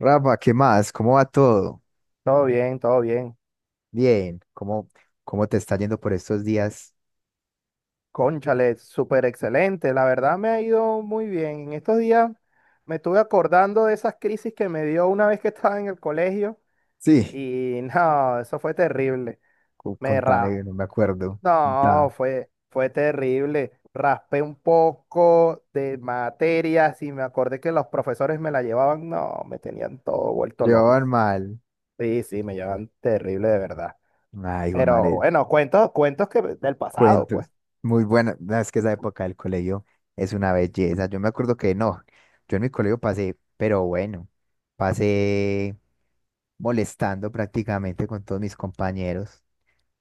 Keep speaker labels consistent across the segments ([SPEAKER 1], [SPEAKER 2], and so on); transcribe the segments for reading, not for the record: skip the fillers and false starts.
[SPEAKER 1] Rafa, ¿qué más? ¿Cómo va todo?
[SPEAKER 2] Todo bien, todo bien.
[SPEAKER 1] Bien, ¿cómo te está yendo por estos días?
[SPEAKER 2] Cónchale, súper excelente. La verdad me ha ido muy bien. En estos días me estuve acordando de esas crisis que me dio una vez que estaba en el colegio
[SPEAKER 1] Sí,
[SPEAKER 2] y no, eso fue terrible. Me raspé.
[SPEAKER 1] contame, no me acuerdo. Contá.
[SPEAKER 2] No, fue terrible. Raspé un poco de materias y me acordé que los profesores me la llevaban. No, me tenían todo vuelto
[SPEAKER 1] Llevaban
[SPEAKER 2] loco.
[SPEAKER 1] mal.
[SPEAKER 2] Sí, sí, me llevan terrible de verdad.
[SPEAKER 1] Ay, hijo de
[SPEAKER 2] Pero
[SPEAKER 1] madre,
[SPEAKER 2] bueno, cuentos, cuentos que del pasado, pues.
[SPEAKER 1] cuentos. Muy buena. No, Es que esa época del colegio es una belleza. Yo me acuerdo que no, yo en mi colegio pasé, pero bueno, pasé molestando prácticamente con todos mis compañeros.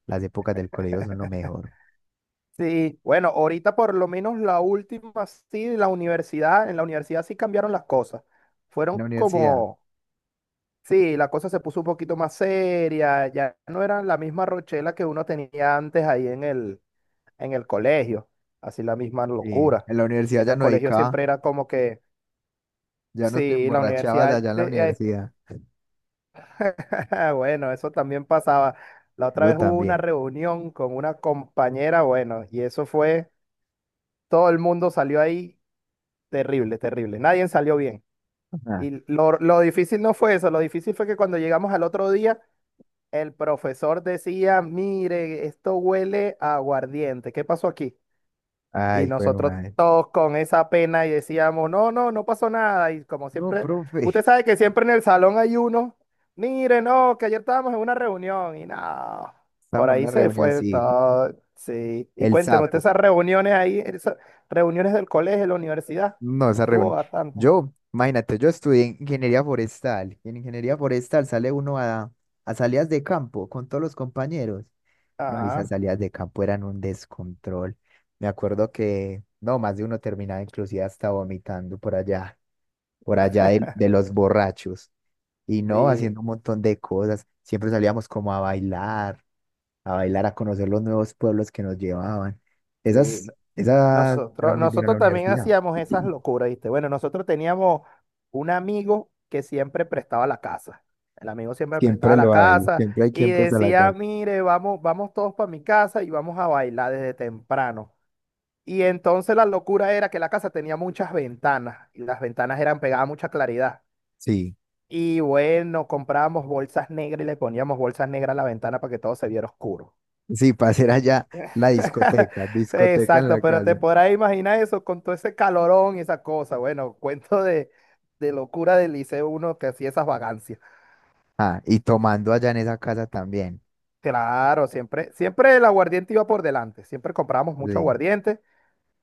[SPEAKER 1] Las épocas del colegio son lo mejor.
[SPEAKER 2] Sí, bueno, ahorita por lo menos la última, sí, la universidad, en la universidad sí cambiaron las cosas.
[SPEAKER 1] En
[SPEAKER 2] Fueron
[SPEAKER 1] la universidad,
[SPEAKER 2] como, sí, la cosa se puso un poquito más seria, ya no era la misma rochela que uno tenía antes ahí en el colegio, así la misma
[SPEAKER 1] sí,
[SPEAKER 2] locura.
[SPEAKER 1] en la
[SPEAKER 2] Y
[SPEAKER 1] universidad
[SPEAKER 2] en
[SPEAKER 1] ya
[SPEAKER 2] el
[SPEAKER 1] no
[SPEAKER 2] colegio
[SPEAKER 1] dedicaba.
[SPEAKER 2] siempre era como que,
[SPEAKER 1] Ya no te
[SPEAKER 2] sí, la
[SPEAKER 1] emborrachabas
[SPEAKER 2] universidad,
[SPEAKER 1] allá en la universidad.
[SPEAKER 2] bueno, eso también pasaba. La otra
[SPEAKER 1] Yo
[SPEAKER 2] vez hubo una
[SPEAKER 1] también.
[SPEAKER 2] reunión con una compañera, bueno, y eso fue todo el mundo salió ahí. Terrible, terrible. Nadie salió bien.
[SPEAKER 1] Ajá.
[SPEAKER 2] Y lo difícil no fue eso, lo difícil fue que cuando llegamos al otro día, el profesor decía, mire, esto huele a aguardiente, ¿qué pasó aquí? Y
[SPEAKER 1] Ay, fue
[SPEAKER 2] nosotros
[SPEAKER 1] madre.
[SPEAKER 2] todos con esa pena y decíamos, no, no, no pasó nada. Y como
[SPEAKER 1] No,
[SPEAKER 2] siempre,
[SPEAKER 1] profe,
[SPEAKER 2] usted sabe que siempre en el salón hay uno, mire, no, que ayer estábamos en una reunión y no, por
[SPEAKER 1] estamos en
[SPEAKER 2] ahí
[SPEAKER 1] una
[SPEAKER 2] se fue
[SPEAKER 1] reunioncita.
[SPEAKER 2] todo. Sí, y
[SPEAKER 1] El
[SPEAKER 2] cuénteme, usted
[SPEAKER 1] sapo.
[SPEAKER 2] esas reuniones ahí, esas reuniones del colegio, de la universidad,
[SPEAKER 1] No, esa
[SPEAKER 2] tuvo
[SPEAKER 1] reunión.
[SPEAKER 2] bastante.
[SPEAKER 1] Yo, imagínate, yo estudié ingeniería forestal. Y en ingeniería forestal sale uno a salidas de campo con todos los compañeros. No, y esas
[SPEAKER 2] Ajá,
[SPEAKER 1] salidas de campo eran un descontrol. Me acuerdo que, no, más de uno terminaba inclusive hasta vomitando por allá de los borrachos. Y no,
[SPEAKER 2] sí,
[SPEAKER 1] haciendo un montón de cosas. Siempre salíamos como a bailar, a bailar, a conocer los nuevos pueblos que nos llevaban.
[SPEAKER 2] sí.
[SPEAKER 1] Esa era
[SPEAKER 2] Nosotros,
[SPEAKER 1] muy buena la
[SPEAKER 2] nosotros también
[SPEAKER 1] universidad.
[SPEAKER 2] hacíamos esas locuras, ¿viste? Bueno, nosotros teníamos un amigo que siempre prestaba la casa. El amigo siempre
[SPEAKER 1] Siempre
[SPEAKER 2] prestaba la
[SPEAKER 1] lo hay,
[SPEAKER 2] casa
[SPEAKER 1] siempre hay
[SPEAKER 2] y
[SPEAKER 1] quien presta la
[SPEAKER 2] decía,
[SPEAKER 1] casa.
[SPEAKER 2] mire, vamos, vamos todos para mi casa y vamos a bailar desde temprano. Y entonces la locura era que la casa tenía muchas ventanas y las ventanas eran pegadas a mucha claridad.
[SPEAKER 1] Sí,
[SPEAKER 2] Y bueno, comprábamos bolsas negras y le poníamos bolsas negras a la ventana para que todo se viera oscuro.
[SPEAKER 1] sí, para hacer allá la discoteca, discoteca en
[SPEAKER 2] Exacto,
[SPEAKER 1] la
[SPEAKER 2] pero te
[SPEAKER 1] casa.
[SPEAKER 2] podrás imaginar eso con todo ese calorón y esa cosa. Bueno, cuento de locura del liceo uno que hacía esas vagancias.
[SPEAKER 1] Ah, y tomando allá en esa casa también.
[SPEAKER 2] Claro, siempre, siempre el aguardiente iba por delante, siempre comprábamos mucho
[SPEAKER 1] Sí,
[SPEAKER 2] aguardiente.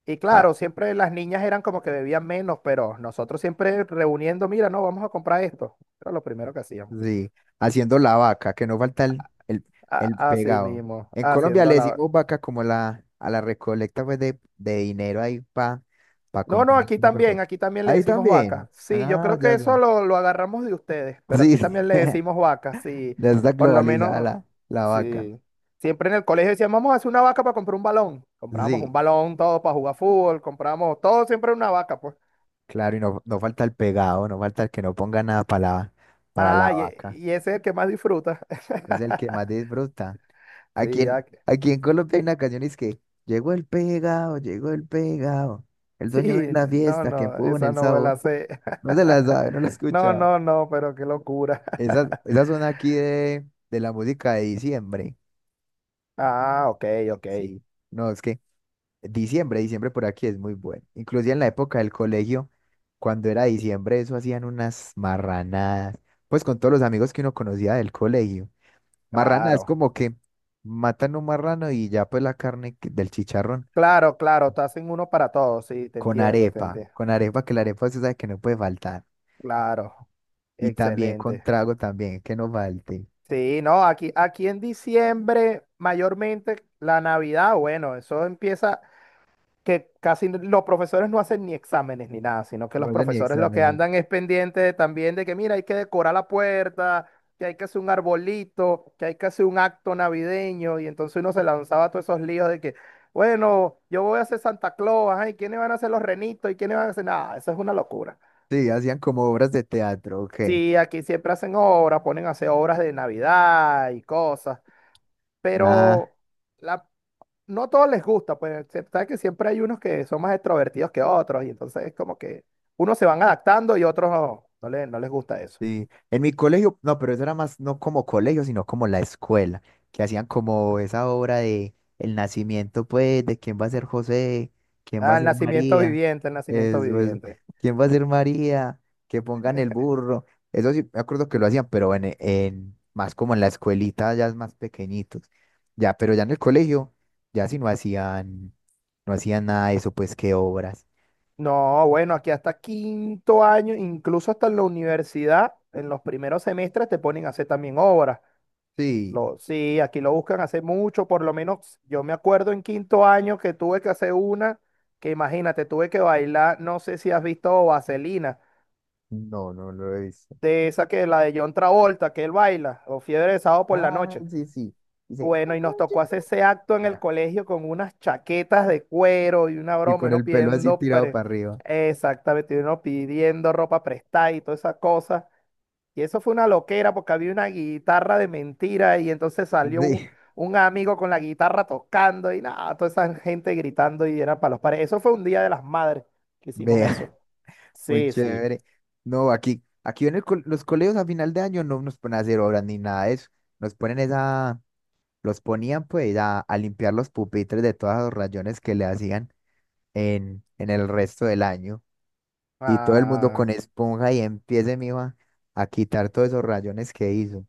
[SPEAKER 2] Y
[SPEAKER 1] ah,
[SPEAKER 2] claro, siempre las niñas eran como que bebían menos, pero nosotros siempre reuniendo, mira, no, vamos a comprar esto. Era lo primero que hacíamos.
[SPEAKER 1] sí, haciendo la vaca, que no falta el
[SPEAKER 2] Así
[SPEAKER 1] pegado.
[SPEAKER 2] mismo,
[SPEAKER 1] En Colombia
[SPEAKER 2] haciendo
[SPEAKER 1] le
[SPEAKER 2] la.
[SPEAKER 1] decimos vaca como a la recolecta pues, de dinero ahí para
[SPEAKER 2] No, no,
[SPEAKER 1] comprar una Coca-Cola.
[SPEAKER 2] aquí también le
[SPEAKER 1] Ahí
[SPEAKER 2] decimos vaca.
[SPEAKER 1] también.
[SPEAKER 2] Sí, yo
[SPEAKER 1] Ah,
[SPEAKER 2] creo que
[SPEAKER 1] ya,
[SPEAKER 2] eso
[SPEAKER 1] ya.
[SPEAKER 2] lo agarramos de ustedes, pero
[SPEAKER 1] Sí,
[SPEAKER 2] aquí
[SPEAKER 1] sí.
[SPEAKER 2] también le decimos vaca, sí.
[SPEAKER 1] Ya está
[SPEAKER 2] Por lo
[SPEAKER 1] globalizada
[SPEAKER 2] menos,
[SPEAKER 1] la vaca.
[SPEAKER 2] sí. Siempre en el colegio decíamos, vamos a hacer una vaca para comprar un balón. Comprábamos
[SPEAKER 1] Sí,
[SPEAKER 2] un balón, todo para jugar fútbol, compramos todo, siempre una vaca, pues.
[SPEAKER 1] claro, y no, no falta el pegado, no falta el que no ponga nada para la, para la
[SPEAKER 2] Ah, y,
[SPEAKER 1] vaca.
[SPEAKER 2] y ese es el que más disfruta.
[SPEAKER 1] Es el que más disfruta.
[SPEAKER 2] Sí, ah,
[SPEAKER 1] Aquí en Colombia hay una canción es que llegó el pegado, el
[SPEAKER 2] sí,
[SPEAKER 1] dueño de la
[SPEAKER 2] no,
[SPEAKER 1] fiesta que
[SPEAKER 2] no,
[SPEAKER 1] pone
[SPEAKER 2] esa
[SPEAKER 1] el
[SPEAKER 2] no me
[SPEAKER 1] sabor.
[SPEAKER 2] la sé.
[SPEAKER 1] No se la sabe, no la
[SPEAKER 2] No,
[SPEAKER 1] escucha.
[SPEAKER 2] no, no, pero qué locura.
[SPEAKER 1] Esa zona aquí de la música de diciembre.
[SPEAKER 2] Ah, ok, ok,
[SPEAKER 1] Sí, no, es que Diciembre, diciembre por aquí es muy bueno. Inclusive en la época del colegio, cuando era diciembre, eso hacían unas marranadas, pues con todos los amigos que uno conocía del colegio. Marranadas
[SPEAKER 2] claro.
[SPEAKER 1] como que matan un marrano y ya pues la carne que- del chicharrón
[SPEAKER 2] Claro, claro, te hacen uno para todos, sí, te entiendo, te entiendo.
[SPEAKER 1] con arepa, que la arepa usted sabe que no puede faltar.
[SPEAKER 2] Claro,
[SPEAKER 1] Y también con
[SPEAKER 2] excelente.
[SPEAKER 1] trago también, que no falte.
[SPEAKER 2] Sí, no, aquí en diciembre, mayormente la Navidad, bueno, eso empieza que casi los profesores no hacen ni exámenes ni nada, sino que los
[SPEAKER 1] No sé ni
[SPEAKER 2] profesores lo que
[SPEAKER 1] exámenes.
[SPEAKER 2] andan es pendiente también de que, mira, hay que decorar la puerta, que hay que hacer un arbolito, que hay que hacer un acto navideño, y entonces uno se lanzaba a todos esos líos de que. Bueno, yo voy a hacer Santa Claus, ajá, ¿y quiénes van a hacer los renitos? ¿Y quiénes van a hacer nada? Eso es una locura.
[SPEAKER 1] Sí, hacían como obras de teatro, ok.
[SPEAKER 2] Sí, aquí siempre hacen obras, ponen a hacer obras de Navidad y cosas,
[SPEAKER 1] Ah,
[SPEAKER 2] pero la, no a todos les gusta, pues sabes que siempre hay unos que son más extrovertidos que otros, y entonces es como que unos se van adaptando y otros no, no, no les gusta eso.
[SPEAKER 1] sí, en mi colegio, no, pero eso era más no como colegio, sino como la escuela, que hacían como esa obra de el nacimiento, pues, de quién va a ser José, quién va a
[SPEAKER 2] Ah, el
[SPEAKER 1] ser
[SPEAKER 2] nacimiento
[SPEAKER 1] María,
[SPEAKER 2] viviente, el nacimiento
[SPEAKER 1] eso,
[SPEAKER 2] viviente.
[SPEAKER 1] quién va a ser María, que pongan el burro, eso sí, me acuerdo que lo hacían, pero más como en la escuelita, ya es más pequeñitos, ya, pero ya en el colegio, ya sí no hacían, no hacían nada de eso, pues, qué obras.
[SPEAKER 2] No, bueno, aquí hasta quinto año, incluso hasta en la universidad, en los primeros semestres te ponen a hacer también obras.
[SPEAKER 1] Sí,
[SPEAKER 2] Sí, aquí lo buscan hace mucho, por lo menos yo me acuerdo en quinto año que tuve que hacer una, que imagínate, tuve que bailar, no sé si has visto Vaselina,
[SPEAKER 1] no, no lo he visto.
[SPEAKER 2] de esa que la de John Travolta, que él baila, o Fiebre de Sábado por la
[SPEAKER 1] Ah,
[SPEAKER 2] noche.
[SPEAKER 1] sí, sí. Dice,
[SPEAKER 2] Bueno,
[SPEAKER 1] "Oh,
[SPEAKER 2] y nos
[SPEAKER 1] God, you-".
[SPEAKER 2] tocó hacer ese acto en el
[SPEAKER 1] Ya.
[SPEAKER 2] colegio con unas chaquetas de cuero y una
[SPEAKER 1] Y
[SPEAKER 2] broma, y
[SPEAKER 1] con
[SPEAKER 2] uno
[SPEAKER 1] el pelo así
[SPEAKER 2] pidiendo,
[SPEAKER 1] tirado para arriba.
[SPEAKER 2] exactamente, y uno pidiendo ropa prestada y toda esa cosa. Y eso fue una loquera porque había una guitarra de mentira y entonces salió un,
[SPEAKER 1] Sí,
[SPEAKER 2] un amigo con la guitarra tocando y nada, toda esa gente gritando y era para los pares. Eso fue un día de las madres que hicimos
[SPEAKER 1] vea,
[SPEAKER 2] eso.
[SPEAKER 1] muy
[SPEAKER 2] Sí, sí.
[SPEAKER 1] chévere. No, aquí, aquí en el co- los colegios a final de año no nos ponen a hacer obras ni nada de eso. Nos ponen esa, los ponían pues a limpiar los pupitres de todos los rayones que le hacían en el resto del año. Y todo el mundo
[SPEAKER 2] Ah,
[SPEAKER 1] con esponja y empiece, mijo, a quitar todos esos rayones que hizo.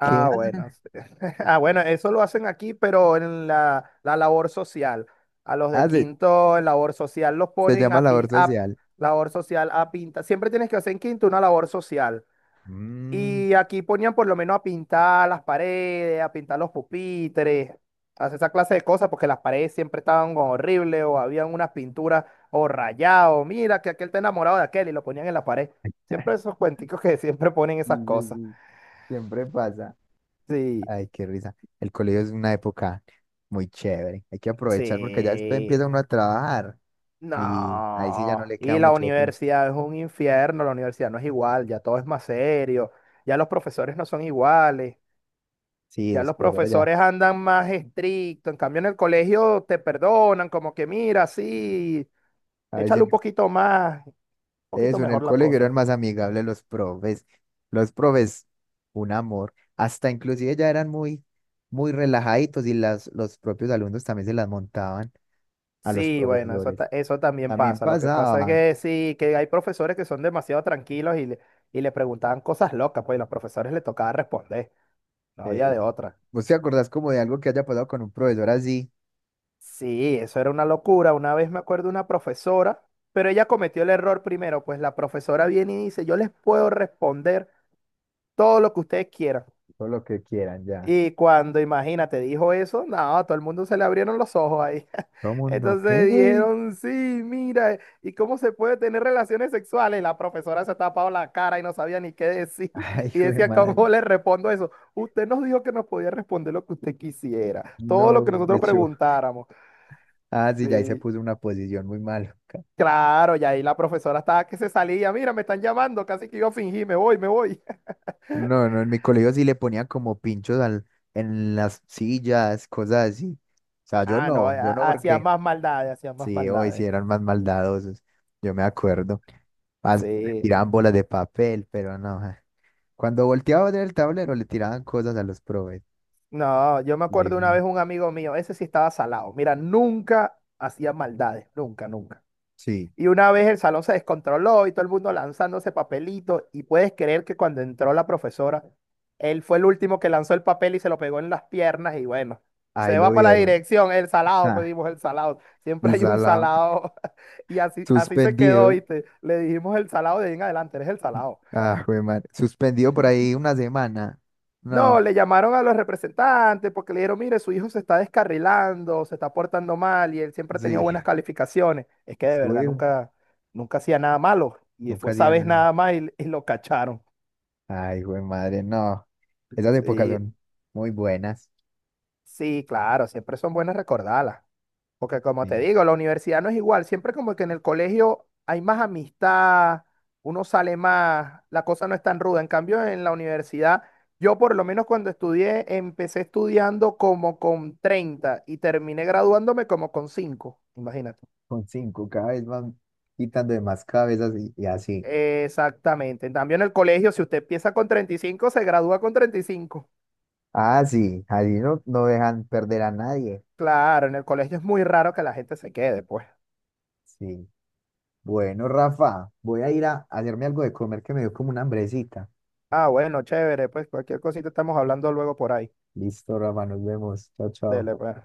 [SPEAKER 1] ¿Qué
[SPEAKER 2] bueno. Sí. Ah, bueno, eso lo hacen aquí, pero en la, la labor social. A los de
[SPEAKER 1] hace?
[SPEAKER 2] quinto en labor social los
[SPEAKER 1] Se
[SPEAKER 2] ponen
[SPEAKER 1] llama labor
[SPEAKER 2] a
[SPEAKER 1] social.
[SPEAKER 2] labor social a pinta. Siempre tienes que hacer en quinto una labor social.
[SPEAKER 1] Mm.
[SPEAKER 2] Y aquí ponían por lo menos a pintar las paredes, a pintar los pupitres, a hacer esa clase de cosas, porque las paredes siempre estaban como horribles o habían unas pinturas o rayados. Mira, que aquel está enamorado de aquel y lo ponían en la pared. Siempre esos cuenticos que siempre ponen
[SPEAKER 1] Sí,
[SPEAKER 2] esas
[SPEAKER 1] sí,
[SPEAKER 2] cosas.
[SPEAKER 1] sí, siempre pasa.
[SPEAKER 2] Sí,
[SPEAKER 1] Ay, qué risa. El colegio es una época muy chévere. Hay que aprovechar porque ya después
[SPEAKER 2] sí.
[SPEAKER 1] empieza uno a trabajar y ahí sí ya no
[SPEAKER 2] No.
[SPEAKER 1] le queda
[SPEAKER 2] Y la
[SPEAKER 1] mucho tiempo.
[SPEAKER 2] universidad es un infierno, la universidad no es igual, ya todo es más serio, ya los profesores no son iguales.
[SPEAKER 1] Sí,
[SPEAKER 2] Ya
[SPEAKER 1] los
[SPEAKER 2] los
[SPEAKER 1] profesores ya.
[SPEAKER 2] profesores andan más estrictos, en cambio en el colegio te perdonan, como que mira, sí,
[SPEAKER 1] A veces
[SPEAKER 2] échale
[SPEAKER 1] en-
[SPEAKER 2] un poquito más, un poquito
[SPEAKER 1] eso, en
[SPEAKER 2] mejor
[SPEAKER 1] el
[SPEAKER 2] la
[SPEAKER 1] colegio
[SPEAKER 2] cosa.
[SPEAKER 1] eran más amigables los profes. Los profes, un amor. Hasta inclusive ya eran muy relajaditos y los propios alumnos también se las montaban a los
[SPEAKER 2] Sí, bueno,
[SPEAKER 1] profesores.
[SPEAKER 2] eso también
[SPEAKER 1] También
[SPEAKER 2] pasa. Lo que pasa es
[SPEAKER 1] pasaba.
[SPEAKER 2] que sí, que hay profesores que son demasiado tranquilos y y le preguntaban cosas locas, pues y los profesores le tocaba responder, no había
[SPEAKER 1] Eh,
[SPEAKER 2] de otra.
[SPEAKER 1] ¿Vos te acordás como de algo que haya pasado con un profesor así?
[SPEAKER 2] Sí, eso era una locura. Una vez me acuerdo una profesora, pero ella cometió el error primero, pues la profesora viene y dice, yo les puedo responder todo lo que ustedes quieran.
[SPEAKER 1] Todo lo que quieran ya.
[SPEAKER 2] Y cuando, imagínate, dijo eso, no, a todo el mundo se le abrieron los ojos ahí.
[SPEAKER 1] ¿Cómo no?
[SPEAKER 2] Entonces
[SPEAKER 1] ¿Qué?
[SPEAKER 2] dijeron, sí, mira, ¿y cómo se puede tener relaciones sexuales? La profesora se tapaba la cara y no sabía ni qué decir.
[SPEAKER 1] Ay,
[SPEAKER 2] Y
[SPEAKER 1] güey,
[SPEAKER 2] decía,
[SPEAKER 1] madre.
[SPEAKER 2] ¿cómo le respondo eso? Usted nos dijo que nos podía responder lo que usted quisiera, todo lo que
[SPEAKER 1] No, qué
[SPEAKER 2] nosotros
[SPEAKER 1] show.
[SPEAKER 2] preguntáramos.
[SPEAKER 1] Ah, sí, ya ahí se
[SPEAKER 2] Sí,
[SPEAKER 1] puso una posición muy maluca.
[SPEAKER 2] claro, y ahí la profesora estaba que se salía, mira, me están llamando, casi que yo fingí, me voy, me voy.
[SPEAKER 1] No, no, en mi colegio sí le ponían como pinchos al, en las sillas, cosas así. O sea, yo
[SPEAKER 2] Ah, no,
[SPEAKER 1] no, yo no
[SPEAKER 2] hacían
[SPEAKER 1] porque
[SPEAKER 2] más maldades, hacían más
[SPEAKER 1] sí, hoy sí
[SPEAKER 2] maldades.
[SPEAKER 1] eran más maldadosos, yo me acuerdo. Más, le
[SPEAKER 2] Sí,
[SPEAKER 1] tiraban bolas de papel, pero no. Ja. Cuando volteaba del tablero le tiraban cosas a los profes.
[SPEAKER 2] no, yo me
[SPEAKER 1] Le-
[SPEAKER 2] acuerdo una vez un amigo mío, ese sí estaba salado. Mira, nunca hacía maldades, nunca, nunca.
[SPEAKER 1] sí,
[SPEAKER 2] Y una vez el salón se descontroló y todo el mundo lanzándose papelitos. Y puedes creer que cuando entró la profesora, él fue el último que lanzó el papel y se lo pegó en las piernas. Y bueno,
[SPEAKER 1] ahí
[SPEAKER 2] se
[SPEAKER 1] lo
[SPEAKER 2] va para la
[SPEAKER 1] vieron.
[SPEAKER 2] dirección, el salado, pues
[SPEAKER 1] Ah,
[SPEAKER 2] dijimos el salado. Siempre
[SPEAKER 1] el
[SPEAKER 2] hay un
[SPEAKER 1] salado,
[SPEAKER 2] salado. Y así, así se quedó,
[SPEAKER 1] suspendido.
[SPEAKER 2] ¿viste? Le dijimos el salado de ahí en adelante, eres el salado.
[SPEAKER 1] Ah, jue madre. Suspendido por ahí una semana.
[SPEAKER 2] No,
[SPEAKER 1] No,
[SPEAKER 2] le llamaron a los representantes porque le dijeron, mire, su hijo se está descarrilando, se está portando mal y él siempre ha tenido buenas
[SPEAKER 1] sí.
[SPEAKER 2] calificaciones. Es que de verdad
[SPEAKER 1] Güey,
[SPEAKER 2] nunca, nunca hacía nada malo y
[SPEAKER 1] nunca
[SPEAKER 2] fue esa
[SPEAKER 1] hacía
[SPEAKER 2] vez
[SPEAKER 1] nada.
[SPEAKER 2] nada más y lo cacharon.
[SPEAKER 1] Ay, jue madre, no. Esas épocas
[SPEAKER 2] Sí,
[SPEAKER 1] son muy buenas.
[SPEAKER 2] sí, claro, siempre son buenas recordarlas. Porque como te
[SPEAKER 1] Sí.
[SPEAKER 2] digo, la universidad no es igual. Siempre como que en el colegio hay más amistad, uno sale más, la cosa no es tan ruda. En cambio, en la universidad, yo por lo menos cuando estudié, empecé estudiando como con 30 y terminé graduándome como con 5. Imagínate.
[SPEAKER 1] Con cinco, cada vez van quitando de más cabezas y así.
[SPEAKER 2] Exactamente. En cambio, en el colegio, si usted empieza con 35 se gradúa con 35.
[SPEAKER 1] Ah, sí, así no, no dejan perder a nadie.
[SPEAKER 2] Claro, en el colegio es muy raro que la gente se quede, pues.
[SPEAKER 1] Sí. Bueno, Rafa, voy a ir a hacerme algo de comer que me dio como una hambrecita.
[SPEAKER 2] Ah, bueno, chévere, pues cualquier cosita estamos hablando luego por ahí.
[SPEAKER 1] Listo, Rafa, nos vemos. Chao, chao.
[SPEAKER 2] Dele, pues.